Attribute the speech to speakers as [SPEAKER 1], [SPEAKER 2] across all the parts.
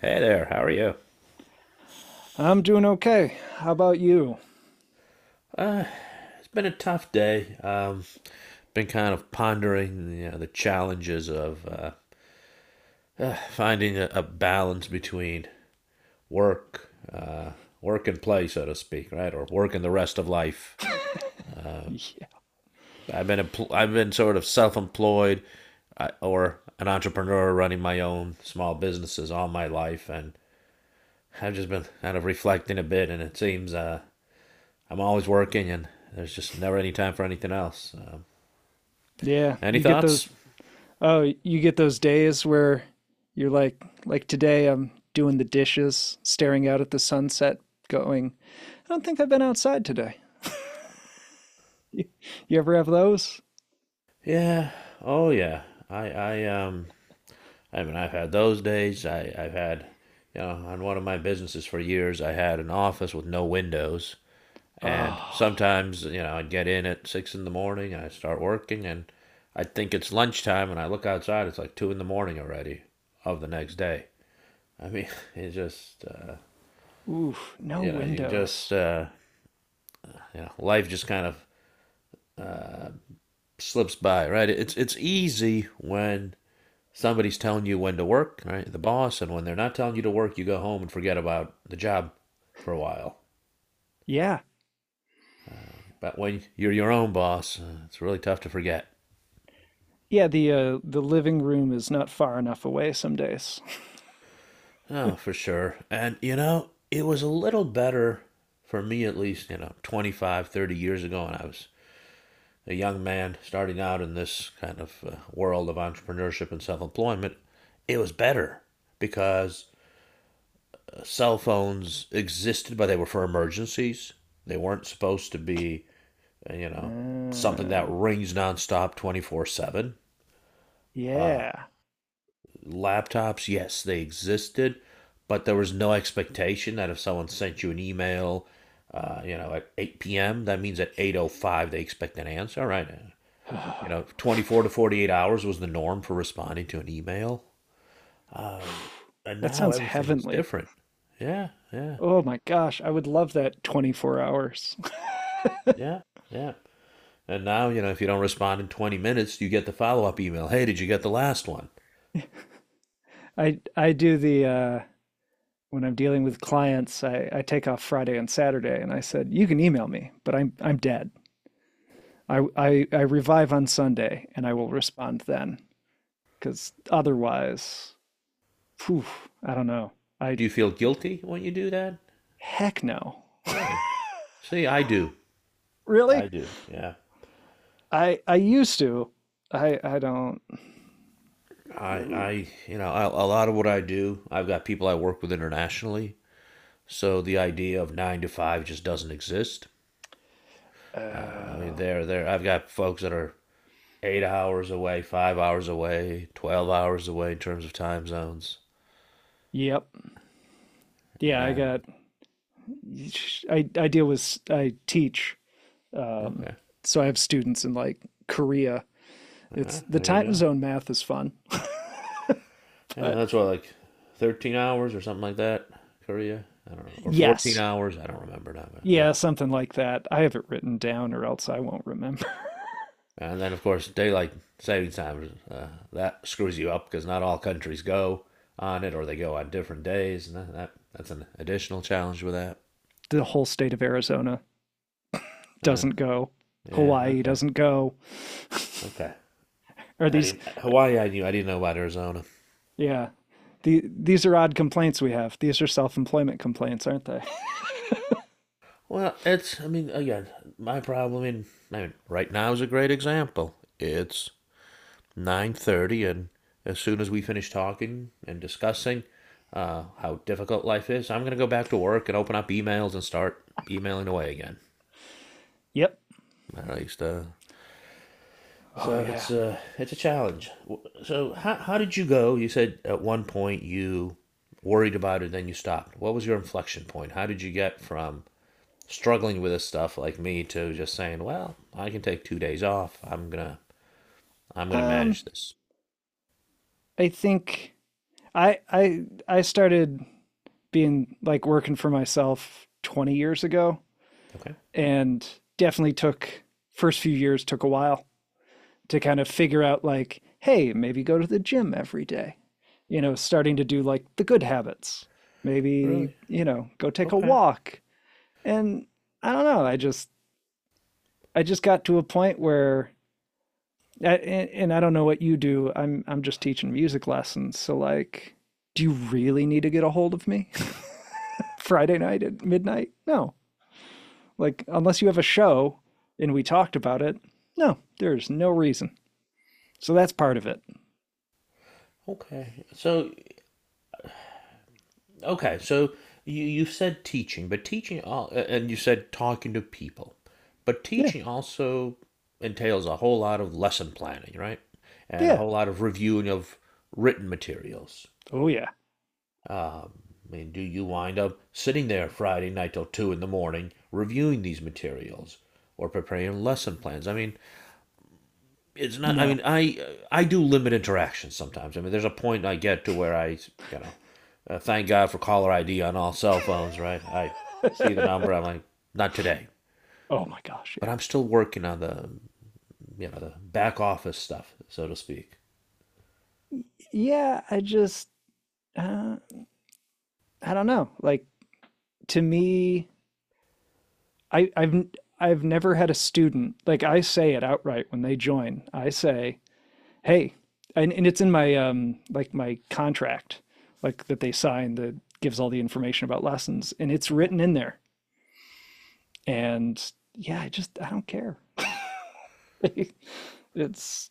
[SPEAKER 1] Hey there, how are you?
[SPEAKER 2] I'm doing okay. How about you?
[SPEAKER 1] It's been a tough day. Been kind of pondering, the challenges of finding a balance between work, uh, work and play, so to speak, right, or work and the rest of life. I've been sort of self-employed, or an entrepreneur running my own small businesses all my life, and I've just been kind of reflecting a bit, and it seems I'm always working, and there's just never any time for anything else.
[SPEAKER 2] Yeah,
[SPEAKER 1] Any
[SPEAKER 2] you get those.
[SPEAKER 1] thoughts?
[SPEAKER 2] Oh, you get those days where you're like today I'm doing the dishes, staring out at the sunset, going, I don't think I've been outside today. you, you ever have those?
[SPEAKER 1] Yeah. Oh, yeah. I I um I mean, I've had those days. I've had, on one of my businesses for years, I had an office with no windows, and
[SPEAKER 2] Oh,
[SPEAKER 1] sometimes, I'd get in at 6 in the morning and I start working, and I think it's lunchtime, and I look outside, it's like 2 in the morning already, of the next day. I mean, it's just
[SPEAKER 2] oof, no
[SPEAKER 1] you know you just
[SPEAKER 2] windows.
[SPEAKER 1] uh, life just kind of uh, slips by, right. It's easy when somebody's telling you when to work, right? The boss. And when they're not telling you to work, you go home and forget about the job for a while.
[SPEAKER 2] Yeah.
[SPEAKER 1] But when you're your own boss, it's really tough to forget.
[SPEAKER 2] Yeah, the living room is not far enough away some days.
[SPEAKER 1] Oh, for sure. And, it was a little better for me, at least, 25, 30 years ago when I was a young man starting out in this kind of world of entrepreneurship and self employment. It was better because cell phones existed, but they were for emergencies. They weren't supposed to be uh, you know, something that
[SPEAKER 2] Uh,
[SPEAKER 1] rings nonstop 24/7. Uh,
[SPEAKER 2] yeah.
[SPEAKER 1] Laptops, yes, they existed, but there was no expectation that if someone sent you an email, at 8 p.m., that means at 8:05 they expect an answer, right?
[SPEAKER 2] That
[SPEAKER 1] 24 to 48 hours was the norm for responding to an email. Um, and now
[SPEAKER 2] sounds
[SPEAKER 1] everything is
[SPEAKER 2] heavenly.
[SPEAKER 1] different. Yeah, yeah,
[SPEAKER 2] Oh my gosh, I would love that 24 hours.
[SPEAKER 1] yeah, yeah. And now, if you don't respond in 20 minutes, you get the follow up email. Hey, did you get the last one?
[SPEAKER 2] I do the when I'm dealing with clients, I take off Friday and Saturday, and I said, you can email me, but I'm dead. I revive on Sunday and I will respond then. Cause otherwise, phew, I don't know. I
[SPEAKER 1] Do you feel guilty when you do that?
[SPEAKER 2] heck no.
[SPEAKER 1] Really? See, I do. I
[SPEAKER 2] Really?
[SPEAKER 1] do. Yeah.
[SPEAKER 2] I used to. I don't
[SPEAKER 1] I, you know, I, a lot of what I do, I've got people I work with internationally, so the idea of 9 to 5 just doesn't exist. Uh, I mean,
[SPEAKER 2] uh
[SPEAKER 1] they're there. I've got folks that are 8 hours away, 5 hours away, 12 hours away in terms of time zones.
[SPEAKER 2] yep. Yeah, I
[SPEAKER 1] And,
[SPEAKER 2] got I deal with I teach. Um,
[SPEAKER 1] okay.
[SPEAKER 2] so I have students in like Korea. It's, the
[SPEAKER 1] There you
[SPEAKER 2] time
[SPEAKER 1] go.
[SPEAKER 2] zone math is fun,
[SPEAKER 1] Yeah,
[SPEAKER 2] but
[SPEAKER 1] that's what, like, 13 hours or something like that. Korea, I don't know, or fourteen
[SPEAKER 2] yes,
[SPEAKER 1] hours. I don't remember now, but, yeah.
[SPEAKER 2] yeah, something like that. I have it written down, or else I won't remember.
[SPEAKER 1] And then, of course, daylight saving time, that screws you up because not all countries go on it, or they go on different days, and that's an additional challenge with that.
[SPEAKER 2] The whole state of Arizona
[SPEAKER 1] Uh,
[SPEAKER 2] doesn't go.
[SPEAKER 1] yeah.
[SPEAKER 2] Hawaii
[SPEAKER 1] Okay.
[SPEAKER 2] doesn't go.
[SPEAKER 1] Okay.
[SPEAKER 2] Are
[SPEAKER 1] I
[SPEAKER 2] these?
[SPEAKER 1] didn't — Hawaii, I knew. I didn't know about Arizona.
[SPEAKER 2] Yeah, these are odd complaints we have. These are self-employment complaints, aren't they?
[SPEAKER 1] Well, it's — I mean, again, my problem. I mean right now is a great example. It's 9:30, and as soon as we finish talking and discussing how difficult life is, I'm gonna go back to work and open up emails and start emailing away again.
[SPEAKER 2] Yep.
[SPEAKER 1] I used to.
[SPEAKER 2] Oh
[SPEAKER 1] So it's
[SPEAKER 2] yeah.
[SPEAKER 1] a it's a challenge. So how did you go? You said at one point you worried about it, then you stopped. What was your inflection point? How did you get from struggling with this stuff like me to just saying, "Well, I can take 2 days off. I'm gonna
[SPEAKER 2] Um,
[SPEAKER 1] manage this."
[SPEAKER 2] I think I I I started being like working for myself 20 years ago,
[SPEAKER 1] Okay,
[SPEAKER 2] and definitely took, first few years took a while to kind of figure out, like, hey, maybe go to the gym every day, you know, starting to do like the good habits, maybe,
[SPEAKER 1] really?
[SPEAKER 2] you know, go take a
[SPEAKER 1] Okay,
[SPEAKER 2] walk. And I don't know, I just got to a point where, and I don't know what you do, I'm just teaching music lessons. So like, do you really need to get a hold of me Friday night at midnight? No. Like, unless you have a show and we talked about it, no, there's no reason. So that's part of it.
[SPEAKER 1] okay. So, okay, so you said teaching, but and you said talking to people, but
[SPEAKER 2] Yeah.
[SPEAKER 1] teaching also entails a whole lot of lesson planning, right? And a
[SPEAKER 2] Yeah.
[SPEAKER 1] whole lot of reviewing of written materials.
[SPEAKER 2] Oh, yeah.
[SPEAKER 1] Um, I mean, do you wind up sitting there Friday night till 2 in the morning reviewing these materials or preparing lesson plans? I mean, it's not. I mean,
[SPEAKER 2] No.
[SPEAKER 1] I do limit interactions sometimes. I mean, there's a point I get to where I, you know, thank God for caller ID on all cell phones, right? I see the
[SPEAKER 2] Oh,
[SPEAKER 1] number. I'm like, not today.
[SPEAKER 2] my gosh.
[SPEAKER 1] But
[SPEAKER 2] Yeah.
[SPEAKER 1] I'm still working on the back office stuff, so to speak.
[SPEAKER 2] Yeah. I just, uh, I don't know. Like, to me, I, I've, I've never had a student. Like, I say it outright when they join. I say, hey, and it's in my, like, my contract, like, that they sign, that gives all the information about lessons. And it's
[SPEAKER 1] Okay.
[SPEAKER 2] written in there. And yeah, I don't care. It's,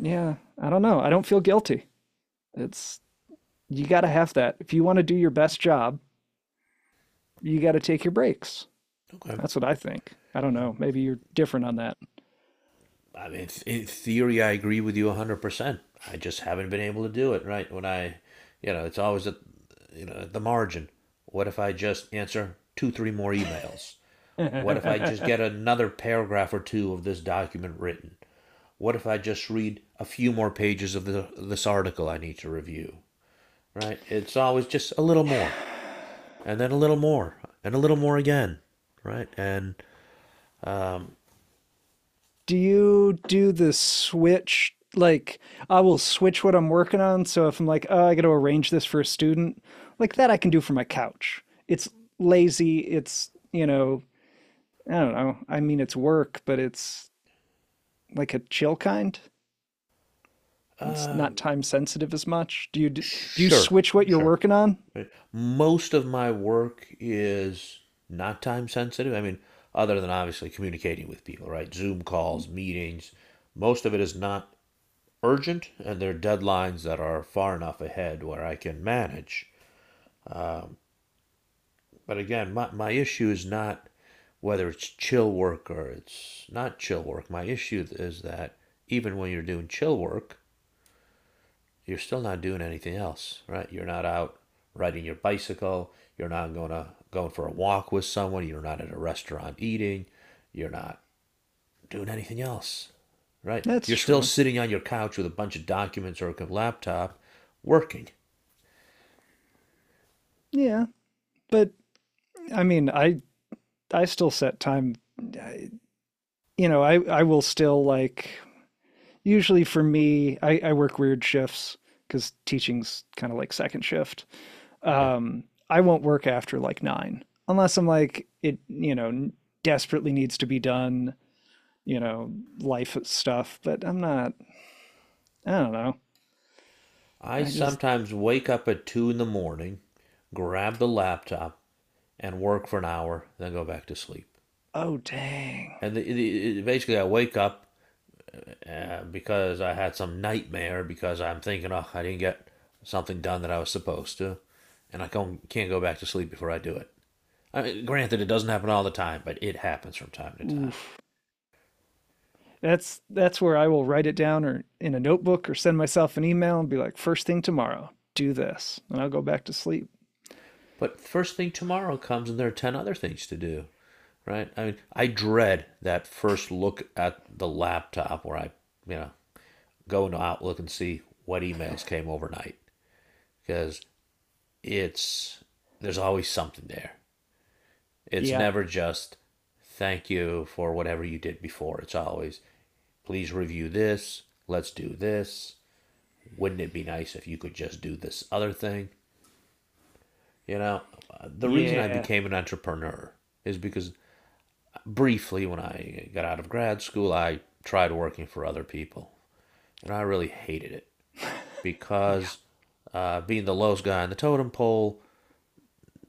[SPEAKER 2] yeah, I don't know. I don't feel guilty. It's, you got to have that. If you want to do your best job, you got to take your breaks.
[SPEAKER 1] Okay.
[SPEAKER 2] That's what I think. I don't know. Maybe you're different on that.
[SPEAKER 1] I mean, in theory, I agree with you 100%. I just haven't been able to do it, right? It's always at, at the margin. What if I just answer two, three more emails? What if I just get another paragraph or two of this document written? What if I just read a few more pages of this article I need to review, right? It's always just a little more, and then a little more, and a little more again, right? And, um,
[SPEAKER 2] Do you do the switch, like, I will switch what I'm working on. So if I'm like, oh, I got to arrange this for a student, like, that I can do from my couch. It's lazy. I don't know. I mean, it's work, but it's, like, a chill kind? It's not
[SPEAKER 1] um,
[SPEAKER 2] time sensitive as much. Do you do, you
[SPEAKER 1] sure,
[SPEAKER 2] switch what you're
[SPEAKER 1] sure.
[SPEAKER 2] working on?
[SPEAKER 1] Right. Most of my work is not time sensitive. I mean, other than obviously communicating with people, right? Zoom calls, meetings. Most of it is not urgent, and there are deadlines that are far enough ahead where I can manage. But again, my issue is not whether it's chill work or it's not chill work. My issue is that even when you're doing chill work, you're still not doing anything else, right? You're not out riding your bicycle. You're not going for a walk with someone. You're not at a restaurant eating. You're not doing anything else, right?
[SPEAKER 2] That's
[SPEAKER 1] You're still
[SPEAKER 2] true.
[SPEAKER 1] sitting on your couch with a bunch of documents or a laptop, working.
[SPEAKER 2] Yeah, but I mean, I still set time. You know, I will still like, usually for me, I work weird shifts, because teaching's kind of like second shift.
[SPEAKER 1] Okay.
[SPEAKER 2] I won't work after like nine unless I'm like, it, you know, desperately needs to be done. You know, life stuff. But I'm not. I don't know.
[SPEAKER 1] I
[SPEAKER 2] I just
[SPEAKER 1] sometimes wake up at 2 in the morning, grab the laptop, and work for an hour, then go back to sleep.
[SPEAKER 2] Oh, dang.
[SPEAKER 1] And basically, I wake up because I had some nightmare because I'm thinking, oh, I didn't get something done that I was supposed to, and I not go back to sleep before I do it. I mean, granted, it doesn't happen all the time, but it happens from time to time.
[SPEAKER 2] Oof. That's where I will write it down or in a notebook or send myself an email and be like, first thing tomorrow, do this. And I'll go back to sleep.
[SPEAKER 1] But first thing tomorrow comes, and there are 10 other things to do, right? I mean, I dread that first look at the laptop where I, you know, go into Outlook and see what emails came overnight because it's, there's always something there. It's
[SPEAKER 2] Yeah.
[SPEAKER 1] never just thank you for whatever you did before. It's always, please review this. Let's do this. Wouldn't it be nice if you could just do this other thing? You know, the reason I
[SPEAKER 2] Yeah.
[SPEAKER 1] became an entrepreneur is because briefly when I got out of grad school, I tried working for other people. And I really hated it
[SPEAKER 2] Yeah.
[SPEAKER 1] because, being the lowest guy on the totem pole,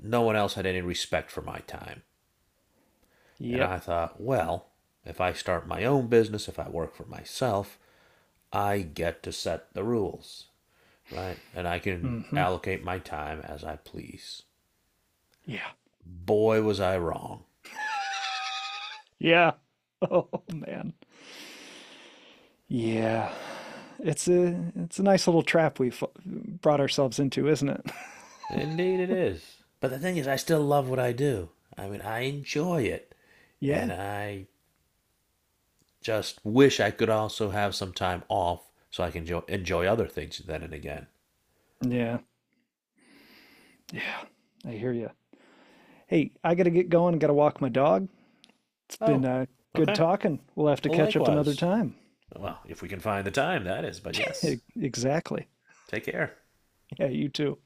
[SPEAKER 1] no one else had any respect for my time. And
[SPEAKER 2] Yep.
[SPEAKER 1] I thought, well, if I start my own business, if I work for myself, I get to set the rules, right? And I can
[SPEAKER 2] Mm-hmm.
[SPEAKER 1] allocate my time as I please.
[SPEAKER 2] Yeah.
[SPEAKER 1] Boy, was I wrong.
[SPEAKER 2] Yeah. Oh man. Yeah. It's a nice little trap we've brought ourselves into, isn't it?
[SPEAKER 1] Indeed, it is. But the thing is, I still love what I do. I mean, I enjoy it.
[SPEAKER 2] Yeah.
[SPEAKER 1] And I just wish I could also have some time off so I can enjoy other things then and again.
[SPEAKER 2] Yeah. Yeah. I hear you. Hey, I gotta get going. Gotta walk my dog. It's been
[SPEAKER 1] Oh,
[SPEAKER 2] good
[SPEAKER 1] okay.
[SPEAKER 2] talking. We'll have to
[SPEAKER 1] Well,
[SPEAKER 2] catch up another
[SPEAKER 1] likewise.
[SPEAKER 2] time.
[SPEAKER 1] Well, if we can find the time, that is. But yes,
[SPEAKER 2] Exactly.
[SPEAKER 1] take care.
[SPEAKER 2] Yeah, you too.